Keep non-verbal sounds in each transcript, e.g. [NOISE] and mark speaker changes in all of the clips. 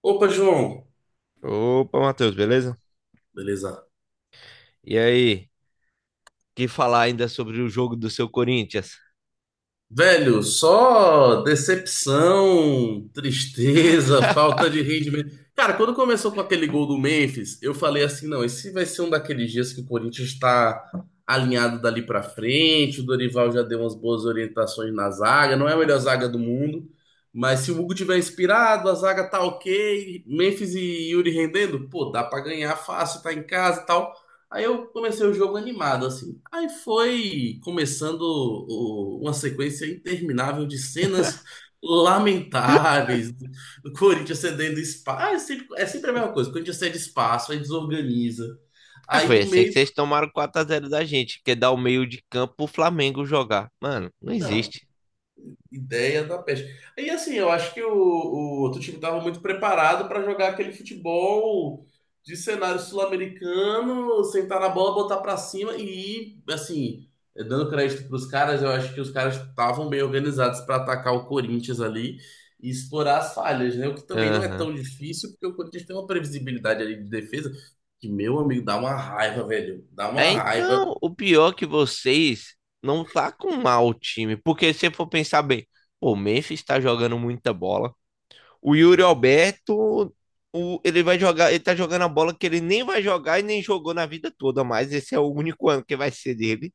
Speaker 1: Opa, João.
Speaker 2: Opa, Matheus, beleza?
Speaker 1: Beleza.
Speaker 2: E aí, que falar ainda sobre o jogo do seu Corinthians?
Speaker 1: Velho, só decepção, tristeza, [LAUGHS] falta de rendimento. Cara, quando começou com aquele gol do Memphis, eu falei assim, não, esse vai ser um daqueles dias que o Corinthians está alinhado dali pra frente. O Dorival já deu umas boas orientações na zaga, não é a melhor zaga do mundo, mas se o Hugo tiver inspirado, a zaga tá ok, Memphis e Yuri rendendo, pô, dá pra ganhar fácil, tá em casa e tal. Aí eu comecei o jogo animado, assim. Aí foi começando uma sequência interminável de cenas lamentáveis. Do Corinthians cedendo espaço. Ah, é sempre a mesma coisa. O Corinthians cede espaço, aí desorganiza.
Speaker 2: Ah,
Speaker 1: Aí
Speaker 2: foi
Speaker 1: do
Speaker 2: assim que
Speaker 1: meio.
Speaker 2: vocês tomaram 4-0 da gente, que dá o meio de campo pro Flamengo jogar. Mano, não
Speaker 1: Não.
Speaker 2: existe.
Speaker 1: Ideia da peste. E assim, eu acho que o outro time estava muito preparado para jogar aquele futebol de cenário sul-americano, sentar na bola, botar para cima e, assim, dando crédito para os caras. Eu acho que os caras estavam bem organizados para atacar o Corinthians ali e explorar as falhas, né? O que também não é
Speaker 2: Aham.
Speaker 1: tão difícil, porque o Corinthians tem uma previsibilidade ali de defesa que, meu amigo, dá uma raiva, velho. Dá
Speaker 2: É,
Speaker 1: uma raiva.
Speaker 2: então, o pior é que vocês não tá com mal o time, porque se você for pensar bem, pô, o Memphis tá jogando muita bola. O Yuri Alberto, ele vai jogar, ele tá jogando a bola que ele nem vai jogar e nem jogou na vida toda mais. Esse é o único ano que vai ser dele.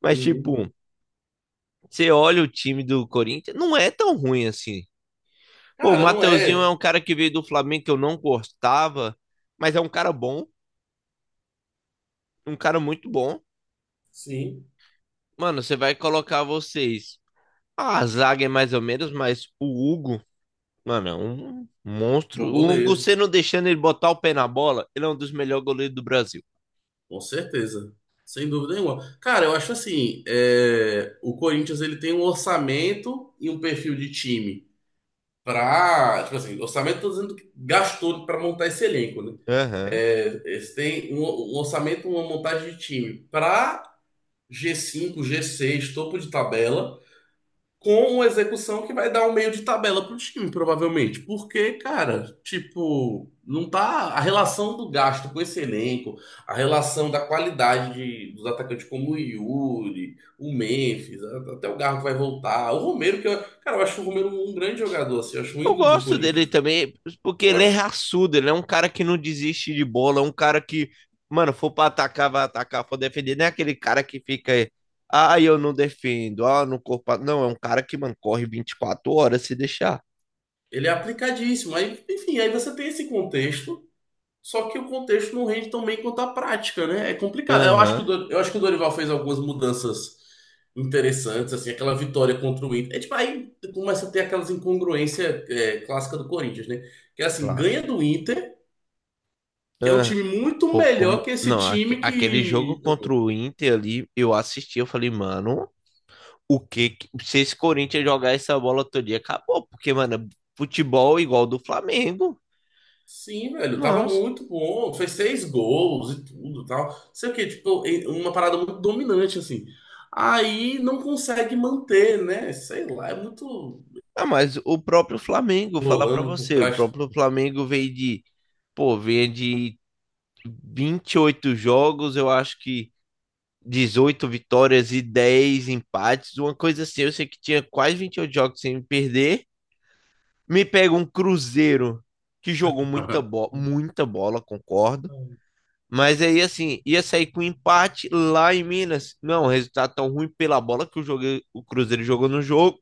Speaker 2: Mas,
Speaker 1: Uhum.
Speaker 2: tipo, você olha o time do Corinthians, não é tão ruim assim. Pô, o
Speaker 1: Cara, não
Speaker 2: Mateuzinho é
Speaker 1: é.
Speaker 2: um cara que veio do Flamengo que eu não gostava, mas é um cara bom, um cara muito bom.
Speaker 1: Sim,
Speaker 2: Mano, você vai colocar vocês. Ah, a zaga é mais ou menos, mas o Hugo, mano, é um monstro.
Speaker 1: bom
Speaker 2: O Hugo,
Speaker 1: goleiro.
Speaker 2: você não deixando ele botar o pé na bola, ele é um dos melhores goleiros do Brasil.
Speaker 1: Com certeza, sem dúvida nenhuma. Cara, eu acho assim, é, o Corinthians ele tem um orçamento e um perfil de time para, tipo assim, orçamento tô dizendo que gastou para montar esse elenco, né?
Speaker 2: Aham.
Speaker 1: É, eles têm um orçamento, uma montagem de time para G5 G6 topo de tabela com uma execução que vai dar um meio de tabela pro time, provavelmente. Porque, cara, tipo, não tá. A relação do gasto com esse elenco, a relação da qualidade dos atacantes como o Yuri, o Memphis, até o Garro vai voltar. O Romero, que eu, cara, eu acho o Romero um grande jogador, assim. Eu acho um
Speaker 2: Eu
Speaker 1: ídolo do
Speaker 2: gosto dele
Speaker 1: Corinthians.
Speaker 2: também, porque ele é
Speaker 1: Gosto.
Speaker 2: raçudo, ele é um cara que não desiste de bola, é um cara que, mano, for pra atacar, vai atacar, for defender, não é aquele cara que fica aí, ah, eu não defendo, ah, no corpo. Ah", não, é um cara que, mano, corre 24 horas se deixar.
Speaker 1: Ele é aplicadíssimo. Aí, enfim, aí você tem esse contexto. Só que o contexto não rende tão bem quanto a prática, né? É complicado. Eu acho que
Speaker 2: Aham.
Speaker 1: eu acho que o Dorival fez algumas mudanças interessantes, assim, aquela vitória contra o Inter. É, tipo, aí começa a ter aquelas incongruências clássicas do Corinthians, né? Que é assim,
Speaker 2: Claro.
Speaker 1: ganha do Inter, que é um
Speaker 2: Aham.
Speaker 1: time muito
Speaker 2: Pô,
Speaker 1: melhor
Speaker 2: como.
Speaker 1: que esse
Speaker 2: Não,
Speaker 1: time
Speaker 2: aquele jogo
Speaker 1: que.
Speaker 2: contra o Inter ali, eu assisti, eu falei, mano, o que. Se esse Corinthians jogar essa bola todo dia, acabou, porque, mano, futebol é igual do Flamengo.
Speaker 1: Sim, velho, tava
Speaker 2: Nossa.
Speaker 1: muito bom, fez seis gols e tudo e tal. Sei o quê, tipo, uma parada muito dominante, assim. Aí não consegue manter, né? Sei lá, é muito
Speaker 2: Ah, mas o próprio Flamengo, vou falar pra
Speaker 1: rolando por
Speaker 2: você, o
Speaker 1: trás.
Speaker 2: próprio Flamengo veio de, pô, veio de 28 jogos, eu acho que 18 vitórias e 10 empates, uma coisa assim. Eu sei que tinha quase 28 jogos sem perder. Me pega um Cruzeiro que jogou muita bola, concordo.
Speaker 1: [LAUGHS]
Speaker 2: Mas aí, assim, ia sair com empate lá em Minas. Não, resultado tão ruim pela bola que jogo, o Cruzeiro jogou no jogo.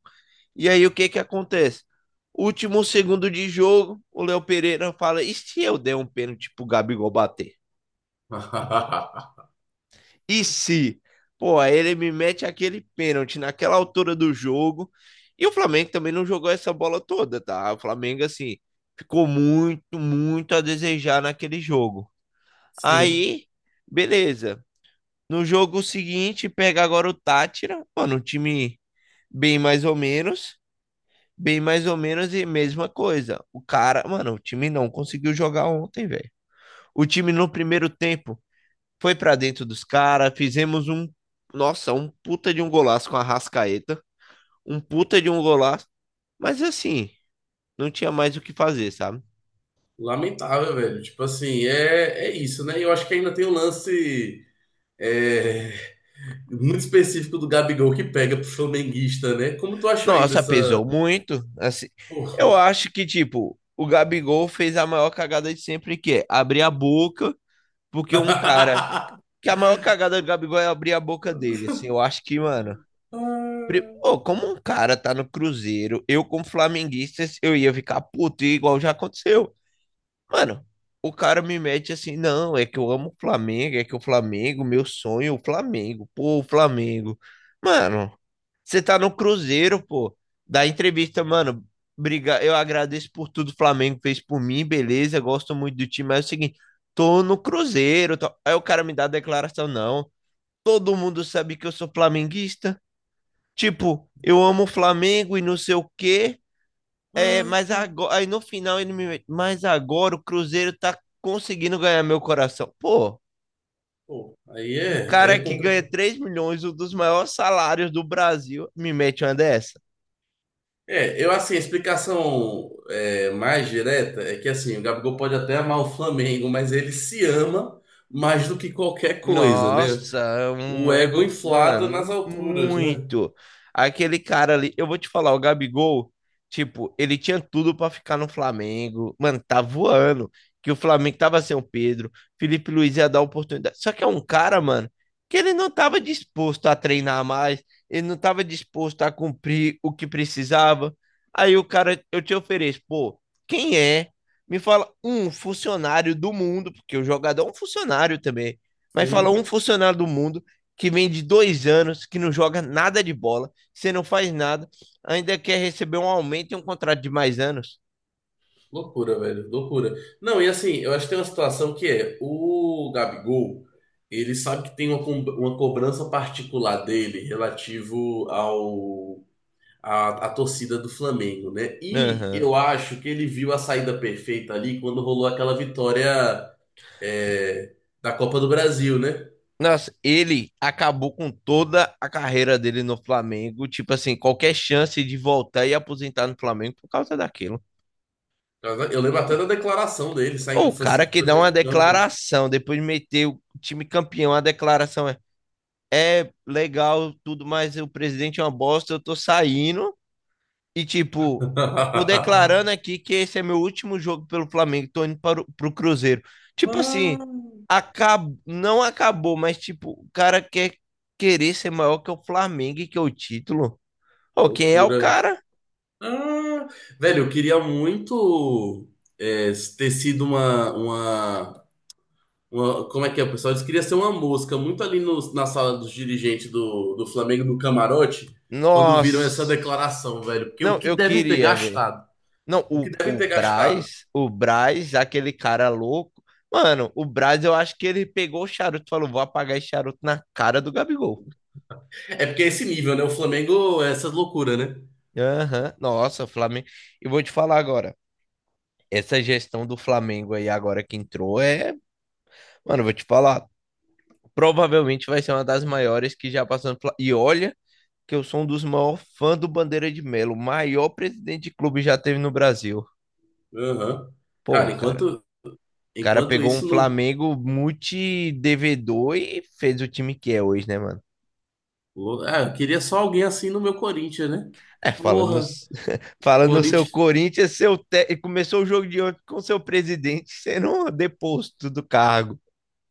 Speaker 2: E aí o que que acontece? Último segundo de jogo, o Léo Pereira fala: e se eu der um pênalti pro Gabigol bater? E se? Pô, aí ele me mete aquele pênalti naquela altura do jogo. E o Flamengo também não jogou essa bola toda, tá? O Flamengo, assim, ficou muito, muito a desejar naquele jogo.
Speaker 1: Sim,
Speaker 2: Aí, beleza. No jogo seguinte, pega agora o Tátira, mano, um time bem mais ou menos. Bem mais ou menos e mesma coisa. O cara, mano, o time não conseguiu jogar ontem, velho. O time no primeiro tempo foi pra dentro dos caras, fizemos um, nossa, um puta de um golaço com a Rascaeta, um puta de um golaço, mas assim, não tinha mais o que fazer, sabe?
Speaker 1: lamentável, velho. Tipo assim, é, é isso, né? E eu acho que ainda tem o lance é, muito específico do Gabigol que pega pro flamenguista, né? Como tu achou aí
Speaker 2: Nossa,
Speaker 1: dessa.
Speaker 2: pesou muito, assim. Eu
Speaker 1: Pô.
Speaker 2: acho que tipo, o Gabigol fez a maior cagada de sempre que é abrir a boca, porque um cara
Speaker 1: [LAUGHS]
Speaker 2: que a maior cagada do Gabigol é abrir a boca dele, assim. Eu acho que, mano,
Speaker 1: Ah,
Speaker 2: Ô, como um cara tá no Cruzeiro, eu como flamenguista, eu ia ficar puto, igual já aconteceu. Mano, o cara me mete assim, não, é que eu amo o Flamengo, é que o Flamengo, meu sonho, é o Flamengo, pô, o Flamengo. Mano, você tá no Cruzeiro, pô, da entrevista, mano, briga, eu agradeço por tudo que o Flamengo fez por mim, beleza, gosto muito do time, mas é o seguinte, tô no Cruzeiro, tô... aí o cara me dá a declaração, não, todo mundo sabe que eu sou flamenguista. Tipo, eu amo o Flamengo e não sei o quê, é,
Speaker 1: ah,
Speaker 2: mas agora, aí no final ele me mete, mas agora o Cruzeiro tá conseguindo ganhar meu coração. Pô,
Speaker 1: Pô, aí
Speaker 2: um
Speaker 1: é, aí
Speaker 2: cara
Speaker 1: é
Speaker 2: que ganha
Speaker 1: complicado.
Speaker 2: 3 milhões, um dos maiores salários do Brasil, me mete uma dessa.
Speaker 1: É, eu assim, a explicação mais direta é que assim, o Gabigol pode até amar o Flamengo, mas ele se ama mais do que qualquer coisa, né?
Speaker 2: Nossa, é
Speaker 1: O
Speaker 2: um
Speaker 1: ego
Speaker 2: ego,
Speaker 1: inflado nas
Speaker 2: mano,
Speaker 1: alturas, né?
Speaker 2: muito. Aquele cara ali, eu vou te falar, o Gabigol, tipo, ele tinha tudo pra ficar no Flamengo. Mano, tá voando. Que o Flamengo tava sem o Pedro, Felipe Luiz ia dar oportunidade. Só que é um cara, mano, que ele não tava disposto a treinar mais, ele não tava disposto a cumprir o que precisava. Aí o cara, eu te ofereço, pô, quem é? Me fala um funcionário do mundo, porque o jogador é um funcionário também, mas fala
Speaker 1: Sim.
Speaker 2: um funcionário do mundo que vem de 2 anos, que não joga nada de bola, você não faz nada, ainda quer receber um aumento e um contrato de mais anos.
Speaker 1: Loucura, velho. Loucura. Não, e assim, eu acho que tem uma situação que é, o Gabigol, ele sabe que tem uma, uma cobrança particular dele relativo ao a torcida do Flamengo, né? E
Speaker 2: Aham.
Speaker 1: eu acho que ele viu a saída perfeita ali quando rolou aquela vitória é, da Copa do Brasil, né?
Speaker 2: Nossa, ele acabou com toda a carreira dele no Flamengo. Tipo assim, qualquer chance de voltar e aposentar no Flamengo por causa daquilo.
Speaker 1: Eu lembro até da declaração dele
Speaker 2: Ou
Speaker 1: saindo,
Speaker 2: o
Speaker 1: foi,
Speaker 2: cara que
Speaker 1: foi
Speaker 2: dá uma
Speaker 1: saindo do campo.
Speaker 2: declaração, depois de meter o time campeão, a declaração é: é legal tudo, mas o presidente é uma bosta, eu tô saindo. E, tipo, tô declarando aqui que esse é meu último jogo pelo Flamengo, tô indo para o, pro Cruzeiro. Tipo assim,
Speaker 1: [LAUGHS]
Speaker 2: acab... não acabou, mas, tipo, o cara quer querer ser maior que o Flamengo e que o título. Ô, quem é o
Speaker 1: Loucura.
Speaker 2: cara?
Speaker 1: Ah, velho, eu queria muito é, ter sido uma, Como é que é, pessoal? Eles queriam ser uma mosca, muito ali na sala dos dirigentes do, do Flamengo, no camarote, quando viram essa
Speaker 2: Nossa.
Speaker 1: declaração, velho. Porque o
Speaker 2: Não,
Speaker 1: que
Speaker 2: eu
Speaker 1: devem ter
Speaker 2: queria, velho.
Speaker 1: gastado?
Speaker 2: Não,
Speaker 1: O que devem ter gastado?
Speaker 2: O Braz, aquele cara louco. Mano, o Braz, eu acho que ele pegou o charuto e falou: vou apagar esse charuto na cara do Gabigol.
Speaker 1: É porque é esse nível, né? O Flamengo é essas loucuras, né?
Speaker 2: Aham. Nossa, Flamengo. E vou te falar agora. Essa gestão do Flamengo aí agora que entrou é, mano, eu vou te falar, provavelmente vai ser uma das maiores que já passou no E olha que eu sou um dos maiores fãs do Bandeira de Melo, o maior presidente de clube já teve no Brasil.
Speaker 1: Aham.
Speaker 2: Pô,
Speaker 1: Cara,
Speaker 2: cara,
Speaker 1: enquanto,
Speaker 2: o cara
Speaker 1: enquanto
Speaker 2: pegou um
Speaker 1: isso não.
Speaker 2: Flamengo multi-devedor e fez o time que é hoje, né, mano?
Speaker 1: Ah, eu queria só alguém assim no meu Corinthians, né?
Speaker 2: É, falando,
Speaker 1: Porra,
Speaker 2: [LAUGHS] falando no seu
Speaker 1: Corinthians.
Speaker 2: Corinthians, seu e começou o jogo de ontem com seu presidente sendo um deposto do cargo.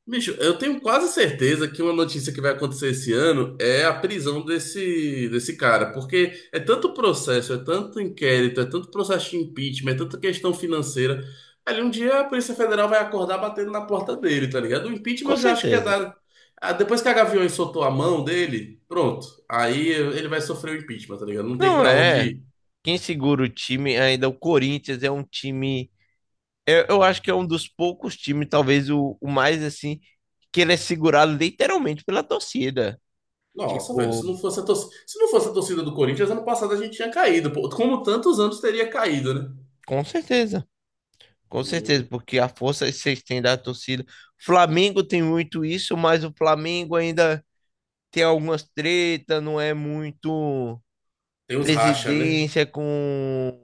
Speaker 1: Bicho, eu tenho quase certeza que uma notícia que vai acontecer esse ano é a prisão desse cara, porque é tanto processo, é tanto inquérito, é tanto processo de impeachment, é tanta questão financeira. Ali um dia a Polícia Federal vai acordar batendo na porta dele, tá ligado? O impeachment
Speaker 2: Com
Speaker 1: eu já acho que é
Speaker 2: certeza.
Speaker 1: dar. Ah, depois que a Gaviões soltou a mão dele, pronto. Aí ele vai sofrer o impeachment, tá ligado? Não tem
Speaker 2: Não
Speaker 1: pra onde
Speaker 2: é.
Speaker 1: ir.
Speaker 2: Quem segura o time ainda, é o Corinthians é um time. Eu acho que é um dos poucos times, talvez o mais assim, que ele é segurado literalmente pela torcida.
Speaker 1: Nossa, velho, se não
Speaker 2: Tipo,
Speaker 1: fosse a torcida, se não fosse a torcida do Corinthians, ano passado a gente tinha caído, pô. Como tantos anos teria caído, né?
Speaker 2: com certeza. Com certeza, porque a força que vocês têm da torcida. Flamengo tem muito isso, mas o Flamengo ainda tem algumas tretas, não é muito
Speaker 1: Tem uns racha, né?
Speaker 2: presidência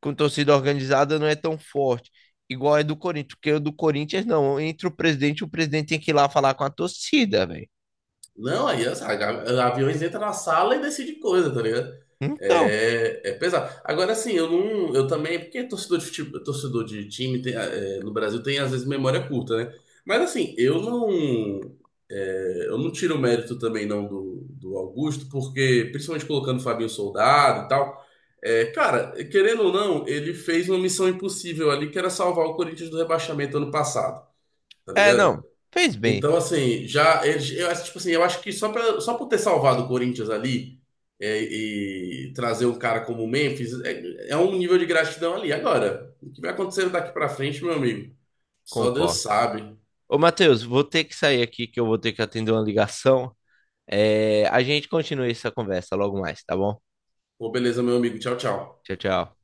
Speaker 2: com torcida organizada não é tão forte. Igual é do Corinthians, porque o do Corinthians não. Entre o presidente tem que ir lá falar com a torcida, velho.
Speaker 1: Não, aí aviões entram na sala e decide coisa, tá ligado?
Speaker 2: Então,
Speaker 1: É, é pesado. Agora, assim, eu não. Eu também. Porque torcedor de, torcedor de time tem, é, no Brasil tem, às vezes, memória curta, né? Mas, assim, eu não. É, eu não tiro o mérito também, não, do Augusto, porque, principalmente colocando o Fabinho Soldado e tal. É, cara, querendo ou não, ele fez uma missão impossível ali, que era salvar o Corinthians do rebaixamento ano passado, tá
Speaker 2: é,
Speaker 1: ligado?
Speaker 2: não. Fez bem,
Speaker 1: Então, assim, já eles, eu acho, tipo assim, eu acho que só pra, só por ter salvado o Corinthians ali e trazer um cara como o Memphis é um nível de gratidão ali. Agora, o que vai acontecer daqui pra frente, meu amigo? Só Deus
Speaker 2: concordo.
Speaker 1: sabe.
Speaker 2: Ô, Matheus, vou ter que sair aqui que eu vou ter que atender uma ligação. É, a gente continua essa conversa logo mais, tá bom?
Speaker 1: Pô, beleza, meu amigo. Tchau, tchau.
Speaker 2: Tchau, tchau.